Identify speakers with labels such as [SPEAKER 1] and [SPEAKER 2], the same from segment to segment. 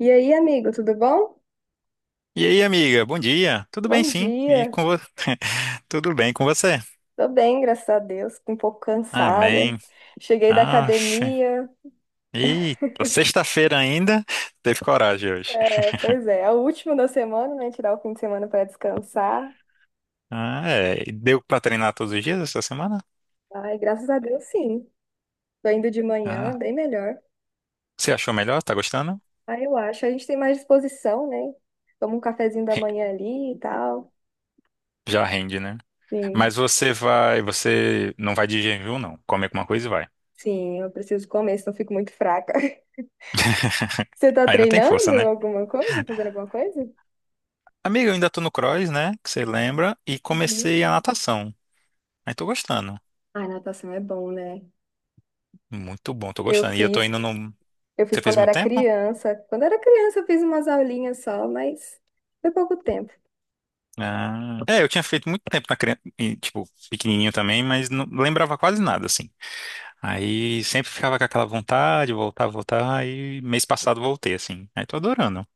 [SPEAKER 1] E aí, amigo, tudo bom?
[SPEAKER 2] E aí, amiga, bom dia. Tudo bem,
[SPEAKER 1] Bom
[SPEAKER 2] sim. E
[SPEAKER 1] dia.
[SPEAKER 2] com você? Tudo bem com você?
[SPEAKER 1] Tô bem, graças a Deus. Fico um pouco cansada.
[SPEAKER 2] Amém.
[SPEAKER 1] Cheguei da
[SPEAKER 2] Oxe.
[SPEAKER 1] academia.
[SPEAKER 2] Eita, sexta-feira ainda. Teve coragem hoje.
[SPEAKER 1] É, pois é, é o último da semana, né? Tirar o fim de semana para descansar.
[SPEAKER 2] Ah, é. E deu pra treinar todos os dias essa semana?
[SPEAKER 1] Ai, graças a Deus, sim. Tô indo de manhã,
[SPEAKER 2] Ah.
[SPEAKER 1] bem melhor.
[SPEAKER 2] Você achou melhor? Tá gostando?
[SPEAKER 1] Ah, eu acho, a gente tem mais disposição, né? Toma um cafezinho da
[SPEAKER 2] Re-
[SPEAKER 1] manhã ali e tal.
[SPEAKER 2] Já rende, né?
[SPEAKER 1] Sim,
[SPEAKER 2] Você não vai de jejum, não. Come alguma coisa e vai.
[SPEAKER 1] sim, eu preciso comer, senão eu fico muito fraca. Você tá
[SPEAKER 2] Aí não tem
[SPEAKER 1] treinando
[SPEAKER 2] força, né?
[SPEAKER 1] alguma coisa? Fazendo alguma coisa?
[SPEAKER 2] Amiga, eu ainda tô no cross, né? Que você lembra. E
[SPEAKER 1] Uhum.
[SPEAKER 2] comecei a natação. Aí tô gostando.
[SPEAKER 1] Ai, natação é bom, né?
[SPEAKER 2] Muito bom, tô
[SPEAKER 1] Eu
[SPEAKER 2] gostando. E eu tô
[SPEAKER 1] fiz
[SPEAKER 2] indo no.
[SPEAKER 1] Eu fiz
[SPEAKER 2] Você fez
[SPEAKER 1] quando
[SPEAKER 2] muito
[SPEAKER 1] era
[SPEAKER 2] tempo?
[SPEAKER 1] criança. Quando era criança, eu fiz umas aulinhas só, mas foi pouco tempo.
[SPEAKER 2] Ah, é, eu tinha feito muito tempo na criança, e, tipo, pequenininho também, mas não lembrava quase nada, assim. Aí sempre ficava com aquela vontade, voltar, voltar, e mês passado voltei, assim. Aí tô adorando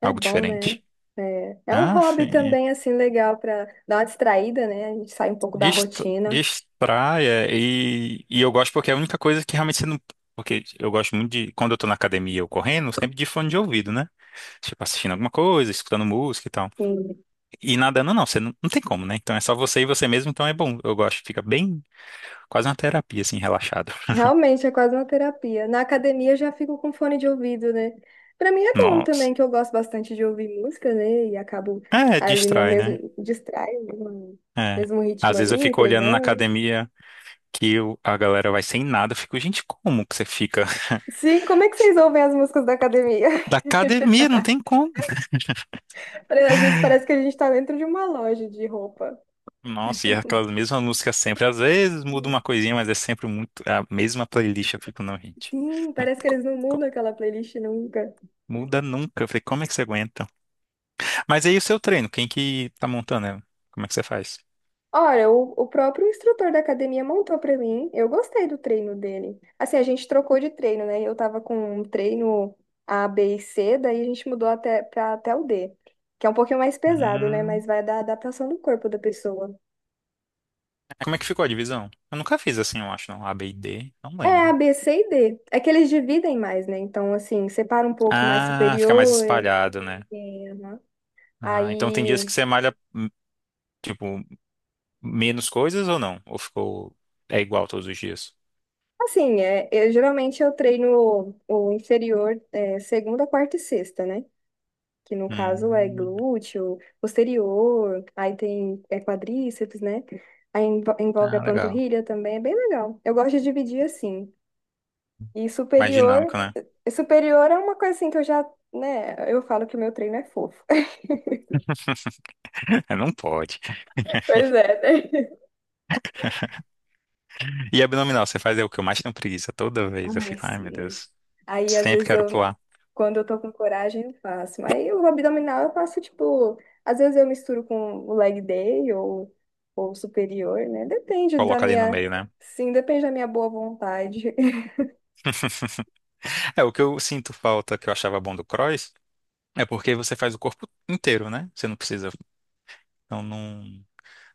[SPEAKER 1] É
[SPEAKER 2] algo
[SPEAKER 1] bom, né?
[SPEAKER 2] diferente.
[SPEAKER 1] É, é um
[SPEAKER 2] Ah,
[SPEAKER 1] hobby
[SPEAKER 2] fi-
[SPEAKER 1] também, assim, legal para dar uma distraída, né? A gente sai um pouco da
[SPEAKER 2] dist-
[SPEAKER 1] rotina.
[SPEAKER 2] distraia, e eu gosto porque é a única coisa que realmente você não. Porque eu gosto muito de, quando eu tô na academia ou correndo, sempre de fone de ouvido, né? Tipo, assistindo alguma coisa, escutando música e tal.
[SPEAKER 1] Sim.
[SPEAKER 2] E nadando não, você não, não tem como, né? Então é só você e você mesmo, então é bom. Eu gosto, fica bem quase uma terapia, assim, relaxado.
[SPEAKER 1] Realmente é quase uma terapia. Na academia eu já fico com fone de ouvido, né? Para mim é bom
[SPEAKER 2] Nossa.
[SPEAKER 1] também, que eu gosto bastante de ouvir música, né? E acabo
[SPEAKER 2] É,
[SPEAKER 1] ali no
[SPEAKER 2] distrai, né?
[SPEAKER 1] mesmo, distrai, no
[SPEAKER 2] É.
[SPEAKER 1] mesmo ritmo
[SPEAKER 2] Às vezes eu
[SPEAKER 1] ali,
[SPEAKER 2] fico olhando na
[SPEAKER 1] treinando.
[SPEAKER 2] academia que a galera vai sem nada. Eu fico, gente, como que você fica?
[SPEAKER 1] Sim, como é que vocês ouvem as músicas da academia?
[SPEAKER 2] Da academia, não tem como.
[SPEAKER 1] Às vezes parece que a gente tá dentro de uma loja de roupa.
[SPEAKER 2] Nossa, e aquelas mesmas músicas sempre. Às vezes muda uma coisinha, mas é sempre muito a mesma playlist. Eu fico, não, gente.
[SPEAKER 1] Sim,
[SPEAKER 2] Não tem
[SPEAKER 1] parece que
[SPEAKER 2] como,
[SPEAKER 1] eles não
[SPEAKER 2] como.
[SPEAKER 1] mudam aquela playlist nunca.
[SPEAKER 2] Muda nunca. Eu falei, como é que você aguenta? Mas aí o seu treino, quem que tá montando ela? Como é que você faz?
[SPEAKER 1] Ora, o próprio instrutor da academia montou pra mim. Eu gostei do treino dele. Assim, a gente trocou de treino, né? Eu tava com um treino A, B e C, daí a gente mudou até para até o D, que é um pouquinho mais pesado, né?
[SPEAKER 2] Hum.
[SPEAKER 1] Mas vai da adaptação do corpo da pessoa.
[SPEAKER 2] Como é que ficou a divisão? Eu nunca fiz assim, eu acho, não. A, B e D, não
[SPEAKER 1] É, A,
[SPEAKER 2] lembro.
[SPEAKER 1] B, C e D. É que eles dividem mais, né? Então, assim, separa um pouco mais
[SPEAKER 2] Ah, fica mais
[SPEAKER 1] superior. É,
[SPEAKER 2] espalhado, né?
[SPEAKER 1] é, aham.
[SPEAKER 2] Ah, então tem dias que
[SPEAKER 1] Aí.
[SPEAKER 2] você malha, tipo, menos coisas ou não? Ou ficou, é igual todos os dias?
[SPEAKER 1] Assim, é, eu, geralmente eu treino o inferior é, segunda, quarta e sexta, né? Que no caso é
[SPEAKER 2] Hum,
[SPEAKER 1] glúteo, posterior, aí tem é, quadríceps, né? Envolve a
[SPEAKER 2] ah, legal.
[SPEAKER 1] panturrilha também, é bem legal. Eu gosto de dividir assim. E
[SPEAKER 2] Mais
[SPEAKER 1] superior,
[SPEAKER 2] dinâmico, né?
[SPEAKER 1] superior é uma coisa assim que eu já, né? Eu falo que o meu treino é fofo.
[SPEAKER 2] É. Não pode.
[SPEAKER 1] Pois é, né?
[SPEAKER 2] E abdominal, você faz é o que eu mais tenho preguiça. Toda vez eu
[SPEAKER 1] Ai,
[SPEAKER 2] fico, ai meu
[SPEAKER 1] sim.
[SPEAKER 2] Deus,
[SPEAKER 1] Aí, às
[SPEAKER 2] sempre
[SPEAKER 1] vezes,
[SPEAKER 2] quero
[SPEAKER 1] eu,
[SPEAKER 2] pular.
[SPEAKER 1] quando eu tô com coragem, eu faço. Mas o abdominal eu faço, tipo, às vezes eu misturo com o leg day ou superior, né? Depende da
[SPEAKER 2] Coloca ali no
[SPEAKER 1] minha,
[SPEAKER 2] meio, né?
[SPEAKER 1] sim, depende da minha boa vontade.
[SPEAKER 2] É, o que eu sinto falta, que eu achava bom do cross, é porque você faz o corpo inteiro, né? Você não precisa. Então, num,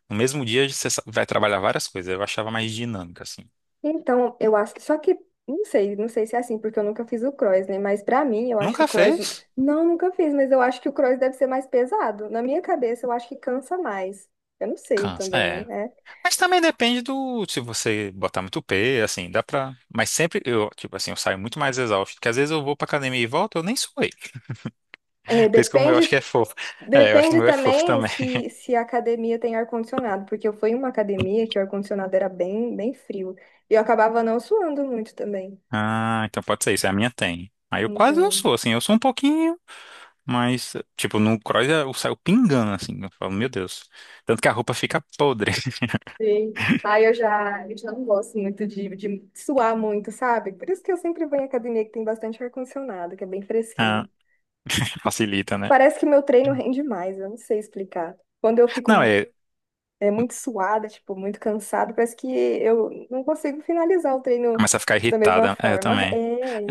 [SPEAKER 2] no mesmo dia, você vai trabalhar várias coisas. Eu achava mais dinâmica, assim.
[SPEAKER 1] Então, eu acho que, só que, não sei, não sei se é assim, porque eu nunca fiz o cross, né? Mas pra mim, eu acho que o
[SPEAKER 2] Nunca
[SPEAKER 1] cross,
[SPEAKER 2] fez?
[SPEAKER 1] não, nunca fiz, mas eu acho que o cross deve ser mais pesado. Na minha cabeça, eu acho que cansa mais. Eu não sei
[SPEAKER 2] Cansa.
[SPEAKER 1] também,
[SPEAKER 2] É.
[SPEAKER 1] né?
[SPEAKER 2] Mas também depende do se você botar muito P, assim, dá pra. Mas sempre eu, tipo assim, eu saio muito mais exausto, porque às vezes eu vou pra academia e volto, eu nem suei.
[SPEAKER 1] É, É,
[SPEAKER 2] Por isso que o meu eu
[SPEAKER 1] depende
[SPEAKER 2] acho que é fofo. É, eu acho que o
[SPEAKER 1] Depende
[SPEAKER 2] meu é fofo
[SPEAKER 1] também
[SPEAKER 2] também.
[SPEAKER 1] se a academia tem ar-condicionado, porque eu fui em uma academia que o ar-condicionado era bem, bem frio. E eu acabava não suando muito também.
[SPEAKER 2] Ah, então pode ser isso, é a minha tem. Aí eu quase eu
[SPEAKER 1] Então,
[SPEAKER 2] sou, assim, eu sou um pouquinho, mas, tipo, no cross eu saio pingando, assim, eu falo, meu Deus. Tanto que a roupa fica podre.
[SPEAKER 1] sim. Aí eu já não gosto muito de suar muito, sabe? Por isso que eu sempre vou em academia que tem bastante ar-condicionado, que é bem
[SPEAKER 2] Ah,
[SPEAKER 1] fresquinho.
[SPEAKER 2] facilita, né?
[SPEAKER 1] Parece que meu treino rende mais, eu não sei explicar. Quando eu fico
[SPEAKER 2] Não,
[SPEAKER 1] mu-
[SPEAKER 2] é,
[SPEAKER 1] É, muito suada, tipo, muito cansada, parece que eu não consigo finalizar o treino
[SPEAKER 2] começa a ficar
[SPEAKER 1] da mesma
[SPEAKER 2] irritada, é, eu
[SPEAKER 1] forma.
[SPEAKER 2] também.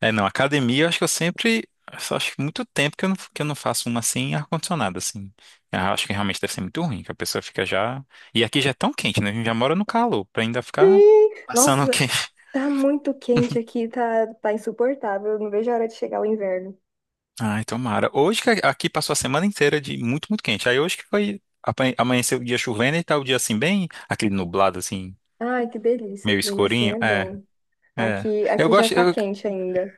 [SPEAKER 2] É, não, academia, eu acho que eu sempre. Eu só acho que muito tempo que eu não faço uma assim ar-condicionado, assim. Ah, eu acho que realmente deve ser muito ruim, que a pessoa fica já. E aqui já é tão quente, né? A gente já mora no calor, pra ainda ficar
[SPEAKER 1] Sim.
[SPEAKER 2] passando o
[SPEAKER 1] Nossa,
[SPEAKER 2] quente.
[SPEAKER 1] tá muito quente aqui, tá, tá insuportável. Eu não vejo a hora de chegar o inverno.
[SPEAKER 2] Ai, tomara. Hoje que aqui passou a semana inteira de muito, muito quente. Aí hoje que foi. Amanheceu o dia chovendo e tá o dia assim, bem. Aquele nublado, assim,
[SPEAKER 1] Ai, que delícia, o
[SPEAKER 2] meio
[SPEAKER 1] clima assim
[SPEAKER 2] escurinho.
[SPEAKER 1] é
[SPEAKER 2] É,
[SPEAKER 1] bom.
[SPEAKER 2] é.
[SPEAKER 1] Aqui,
[SPEAKER 2] Eu
[SPEAKER 1] aqui já
[SPEAKER 2] gosto.
[SPEAKER 1] tá quente ainda.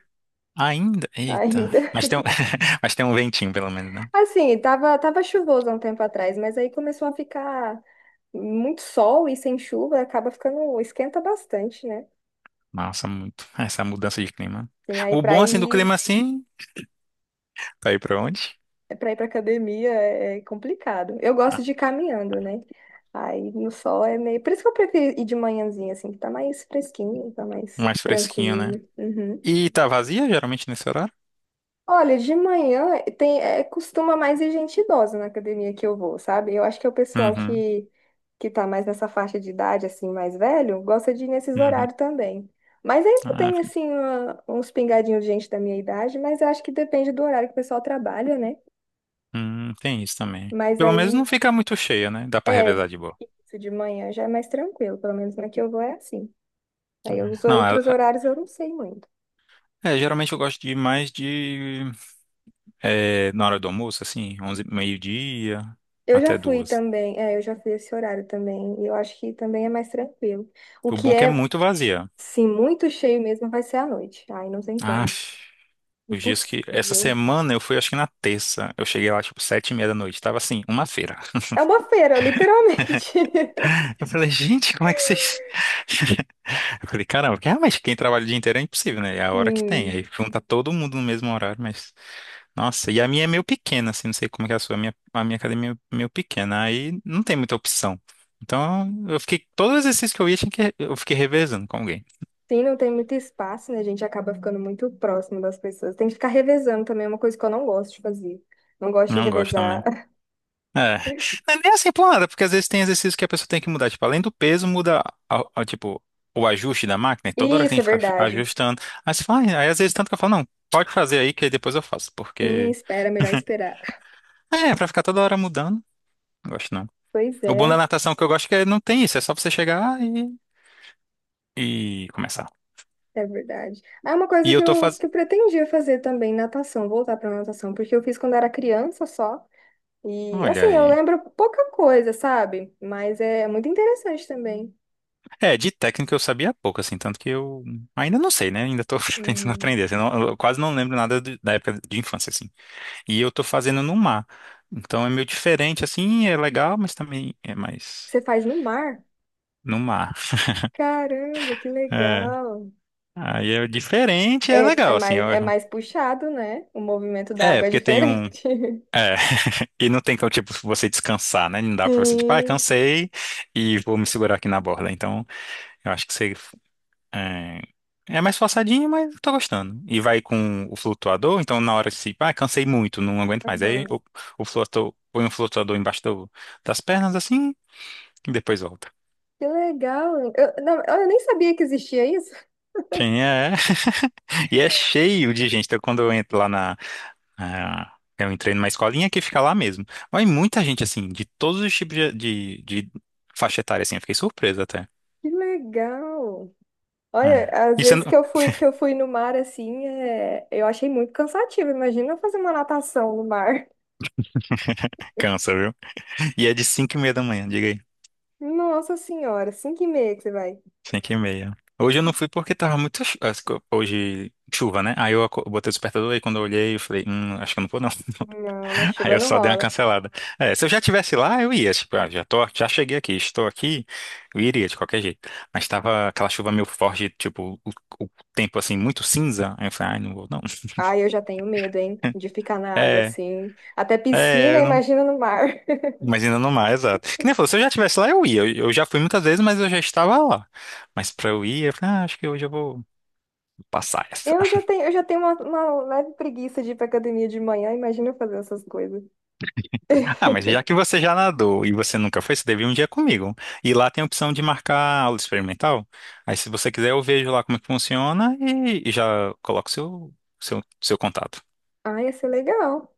[SPEAKER 2] Ainda. Eita.
[SPEAKER 1] Ainda.
[SPEAKER 2] Mas tem um, mas tem um ventinho, pelo menos, né?
[SPEAKER 1] Assim, tava, tava chuvoso há um tempo atrás, mas aí começou a ficar muito sol e sem chuva, acaba ficando, esquenta bastante, né?
[SPEAKER 2] Massa, muito. Essa mudança de clima.
[SPEAKER 1] Assim, aí
[SPEAKER 2] O
[SPEAKER 1] pra
[SPEAKER 2] bom, assim, do
[SPEAKER 1] ir
[SPEAKER 2] clima, assim, tá aí pra onde?
[SPEAKER 1] Para ir para academia é é complicado. Eu gosto
[SPEAKER 2] Ah,
[SPEAKER 1] de ir caminhando, né? Aí no sol é meio. Por isso que eu prefiro ir de manhãzinha, assim, que tá mais fresquinho, tá mais
[SPEAKER 2] mais fresquinho, né?
[SPEAKER 1] tranquilo. Uhum.
[SPEAKER 2] E tá vazia, geralmente, nesse horário?
[SPEAKER 1] Olha, de manhã tem, é, costuma mais ir gente idosa na academia que eu vou, sabe? Eu acho que é o pessoal
[SPEAKER 2] Uhum,
[SPEAKER 1] que tá mais nessa faixa de idade, assim, mais velho, gosta de ir nesses
[SPEAKER 2] uhum.
[SPEAKER 1] horários também. Mas ainda
[SPEAKER 2] Ah,
[SPEAKER 1] tem, assim, uma- uns pingadinhos de gente da minha idade, mas eu acho que depende do horário que o pessoal trabalha, né?
[SPEAKER 2] hum, tem isso também.
[SPEAKER 1] Mas
[SPEAKER 2] Pelo menos
[SPEAKER 1] aí
[SPEAKER 2] não fica muito cheia, né? Dá pra
[SPEAKER 1] É,
[SPEAKER 2] revezar de boa.
[SPEAKER 1] isso de manhã já é mais tranquilo, pelo menos na que eu vou é assim. Aí os
[SPEAKER 2] Não,
[SPEAKER 1] outros horários eu não sei muito.
[SPEAKER 2] é, geralmente eu gosto de mais de. É, na hora do almoço, assim, 11 meio-dia
[SPEAKER 1] Eu já
[SPEAKER 2] até
[SPEAKER 1] fui
[SPEAKER 2] duas.
[SPEAKER 1] também, é, eu já fui esse horário também, e eu acho que também é mais tranquilo. O
[SPEAKER 2] O
[SPEAKER 1] que
[SPEAKER 2] bom é que é
[SPEAKER 1] é,
[SPEAKER 2] muito vazia.
[SPEAKER 1] sim, muito cheio mesmo vai ser à noite. Ai, não tem
[SPEAKER 2] Ah,
[SPEAKER 1] como.
[SPEAKER 2] os dias que. Essa
[SPEAKER 1] Impossível.
[SPEAKER 2] semana eu fui, acho que na terça. Eu cheguei lá, tipo, 7:30 da noite. Tava, assim, uma feira.
[SPEAKER 1] É uma feira, literalmente.
[SPEAKER 2] Eu falei, gente, como é que vocês. Eu falei, caramba, porque realmente quem trabalha o dia inteiro é impossível, né? É a hora que tem.
[SPEAKER 1] Sim.
[SPEAKER 2] Aí junta todo mundo no mesmo horário, mas. Nossa, e a minha é meio pequena, assim, não sei como é que é a sua. A minha academia é meio pequena. Aí não tem muita opção. Então eu fiquei. Todos os exercícios que eu ia, tinha que. Eu fiquei revezando com alguém.
[SPEAKER 1] Sim, não tem muito espaço, né? A gente acaba ficando muito próximo das pessoas. Tem que ficar revezando também, é uma coisa que eu não gosto de fazer. Não gosto de
[SPEAKER 2] Não gosto
[SPEAKER 1] revezar.
[SPEAKER 2] também. É. Não é nem assim por nada, porque às vezes tem exercícios que a pessoa tem que mudar. Tipo, além do peso, muda, tipo, o ajuste da máquina. E toda hora
[SPEAKER 1] Isso
[SPEAKER 2] tem
[SPEAKER 1] é
[SPEAKER 2] que ficar
[SPEAKER 1] verdade.
[SPEAKER 2] ajustando. Aí você fala, "Ah", aí às vezes tanto que eu falo, não, pode fazer aí que aí depois eu faço.
[SPEAKER 1] Sim,
[SPEAKER 2] Porque,
[SPEAKER 1] espera, é melhor esperar.
[SPEAKER 2] é, pra ficar toda hora mudando, não gosto não.
[SPEAKER 1] Pois
[SPEAKER 2] O bom
[SPEAKER 1] é,
[SPEAKER 2] da natação que eu gosto é que não tem isso. É só você chegar e começar.
[SPEAKER 1] é verdade. É uma
[SPEAKER 2] E
[SPEAKER 1] coisa
[SPEAKER 2] eu tô fazendo.
[SPEAKER 1] que eu pretendia fazer também, natação, voltar para natação, porque eu fiz quando era criança só. E
[SPEAKER 2] Olha
[SPEAKER 1] assim, eu
[SPEAKER 2] aí.
[SPEAKER 1] lembro pouca coisa, sabe? Mas é muito interessante também.
[SPEAKER 2] É, de técnica eu sabia pouco, assim, tanto que eu ainda não sei, né? Ainda tô tentando
[SPEAKER 1] Uhum.
[SPEAKER 2] aprender. Assim, eu quase não lembro nada da época de infância, assim. E eu tô fazendo no mar. Então é meio diferente, assim, é legal, mas também é mais
[SPEAKER 1] Você faz no mar?
[SPEAKER 2] no mar.
[SPEAKER 1] Caramba, que
[SPEAKER 2] É.
[SPEAKER 1] legal.
[SPEAKER 2] Aí é diferente, é
[SPEAKER 1] É,
[SPEAKER 2] legal, assim, eu
[SPEAKER 1] é
[SPEAKER 2] acho.
[SPEAKER 1] mais puxado, né? O movimento da
[SPEAKER 2] É,
[SPEAKER 1] água é
[SPEAKER 2] porque tem um.
[SPEAKER 1] diferente.
[SPEAKER 2] É, e não tem como, tipo, você descansar, né? Não dá pra você, tipo, ah,
[SPEAKER 1] Sim.
[SPEAKER 2] cansei e vou me segurar aqui na borda. Então, eu acho que você. É, é mais forçadinho, mas eu tô gostando. E vai com o flutuador, então na hora que se, ah, cansei muito, não aguento mais. Aí
[SPEAKER 1] Aham.
[SPEAKER 2] o, o flutuador, põe um flutuador embaixo das pernas, assim, e depois volta.
[SPEAKER 1] Que legal. Eu, não, eu nem sabia que existia isso.
[SPEAKER 2] Sim, é. E é cheio de gente. Então, quando eu entro lá na- eu entrei numa escolinha que fica lá mesmo. Mas muita gente, assim, de todos os tipos de faixa etária, assim. Eu fiquei surpreso até.
[SPEAKER 1] Que legal. Olha,
[SPEAKER 2] É.
[SPEAKER 1] às
[SPEAKER 2] Isso eu
[SPEAKER 1] vezes
[SPEAKER 2] não.
[SPEAKER 1] que eu fui no mar assim, é, eu achei muito cansativo. Imagina fazer uma natação no mar.
[SPEAKER 2] Cansa, viu? E é de 5:30 da manhã, diga aí.
[SPEAKER 1] Nossa senhora, 5:30 que você vai.
[SPEAKER 2] 5:30. Hoje eu não fui porque tava muito. Hoje, chuva, né? Aí eu botei o despertador e quando eu olhei, eu falei, acho que eu não vou, não.
[SPEAKER 1] Não, na
[SPEAKER 2] Aí
[SPEAKER 1] chuva
[SPEAKER 2] eu
[SPEAKER 1] não
[SPEAKER 2] só dei uma
[SPEAKER 1] rola.
[SPEAKER 2] cancelada. É, se eu já tivesse lá, eu ia. Tipo, ah, já tô, já cheguei aqui, estou aqui, eu iria de qualquer jeito. Mas tava aquela chuva meio forte, tipo, o tempo assim, muito cinza. Aí eu falei, ai, não vou, não.
[SPEAKER 1] Ai, eu já tenho medo, hein, de ficar na água
[SPEAKER 2] É,
[SPEAKER 1] assim. Até
[SPEAKER 2] é,
[SPEAKER 1] piscina,
[SPEAKER 2] eu não.
[SPEAKER 1] imagina no mar.
[SPEAKER 2] Mas ainda não mais, exato. Que nem falou, se eu já tivesse lá, eu ia. Eu já fui muitas vezes, mas eu já estava lá. Mas pra eu ir, eu falei, ah, acho que hoje eu vou passar essa.
[SPEAKER 1] Eu já tenho uma leve preguiça de ir pra academia de manhã, imagina eu fazer essas coisas.
[SPEAKER 2] Ah, mas já que você já nadou e você nunca foi, você deve ir um dia comigo. E lá tem a opção de marcar aula experimental. Aí, se você quiser, eu vejo lá como é que funciona e já coloco seu contato.
[SPEAKER 1] Ai, ia ser legal.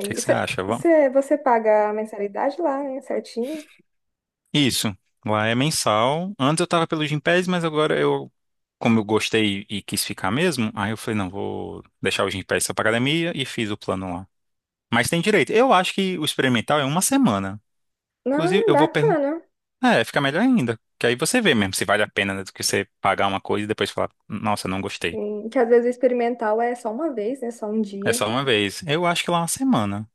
[SPEAKER 2] O que é que você
[SPEAKER 1] cê,
[SPEAKER 2] acha? Vamos?
[SPEAKER 1] Você paga a mensalidade lá, né, certinho?
[SPEAKER 2] Isso. Lá é mensal. Antes eu tava pelo Gympass, mas agora eu, como eu gostei e quis ficar mesmo, aí eu falei, não, vou deixar o Gympass só pra academia e fiz o plano lá. Mas tem direito. Eu acho que o experimental é uma semana.
[SPEAKER 1] Não,
[SPEAKER 2] Inclusive,
[SPEAKER 1] é
[SPEAKER 2] eu vou perguntar.
[SPEAKER 1] bacana.
[SPEAKER 2] É, fica melhor ainda. Que aí você vê mesmo se vale a pena, né, do que você pagar uma coisa e depois falar, nossa, não gostei.
[SPEAKER 1] Sim, que às vezes o experimental é só uma vez, né? Só um
[SPEAKER 2] É
[SPEAKER 1] dia.
[SPEAKER 2] só uma vez. Eu acho que lá é uma semana.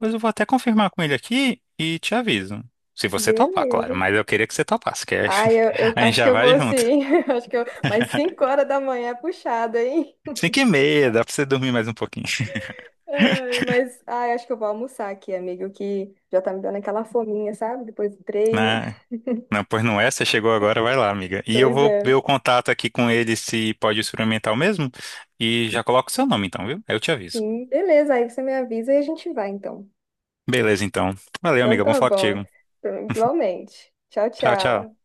[SPEAKER 2] Mas eu vou até confirmar com ele aqui e te aviso. Se você topar, claro.
[SPEAKER 1] Beleza.
[SPEAKER 2] Mas eu queria que você topasse, que aí
[SPEAKER 1] Ai, eu
[SPEAKER 2] a gente
[SPEAKER 1] acho que
[SPEAKER 2] já
[SPEAKER 1] eu
[SPEAKER 2] vai
[SPEAKER 1] vou
[SPEAKER 2] junto.
[SPEAKER 1] sim. Acho que eu... Mas 5 horas da manhã é puxado, hein?
[SPEAKER 2] 5:30, dá pra você dormir mais um pouquinho.
[SPEAKER 1] Ai, mas ai, acho que eu vou almoçar aqui, amigo, que já tá me dando aquela fominha, sabe? Depois do treino.
[SPEAKER 2] Né? Não, pois não é, você chegou agora, vai lá, amiga. E eu
[SPEAKER 1] Pois
[SPEAKER 2] vou ver
[SPEAKER 1] é.
[SPEAKER 2] o contato aqui com ele se pode experimentar o mesmo. E já coloco o seu nome então, viu? Aí eu te aviso.
[SPEAKER 1] Sim, beleza. Aí você me avisa e a gente vai, então.
[SPEAKER 2] Beleza, então. Valeu,
[SPEAKER 1] Então
[SPEAKER 2] amiga. Bom
[SPEAKER 1] tá
[SPEAKER 2] falar
[SPEAKER 1] bom.
[SPEAKER 2] contigo.
[SPEAKER 1] Igualmente. Tchau,
[SPEAKER 2] Tchau, tchau.
[SPEAKER 1] tchau.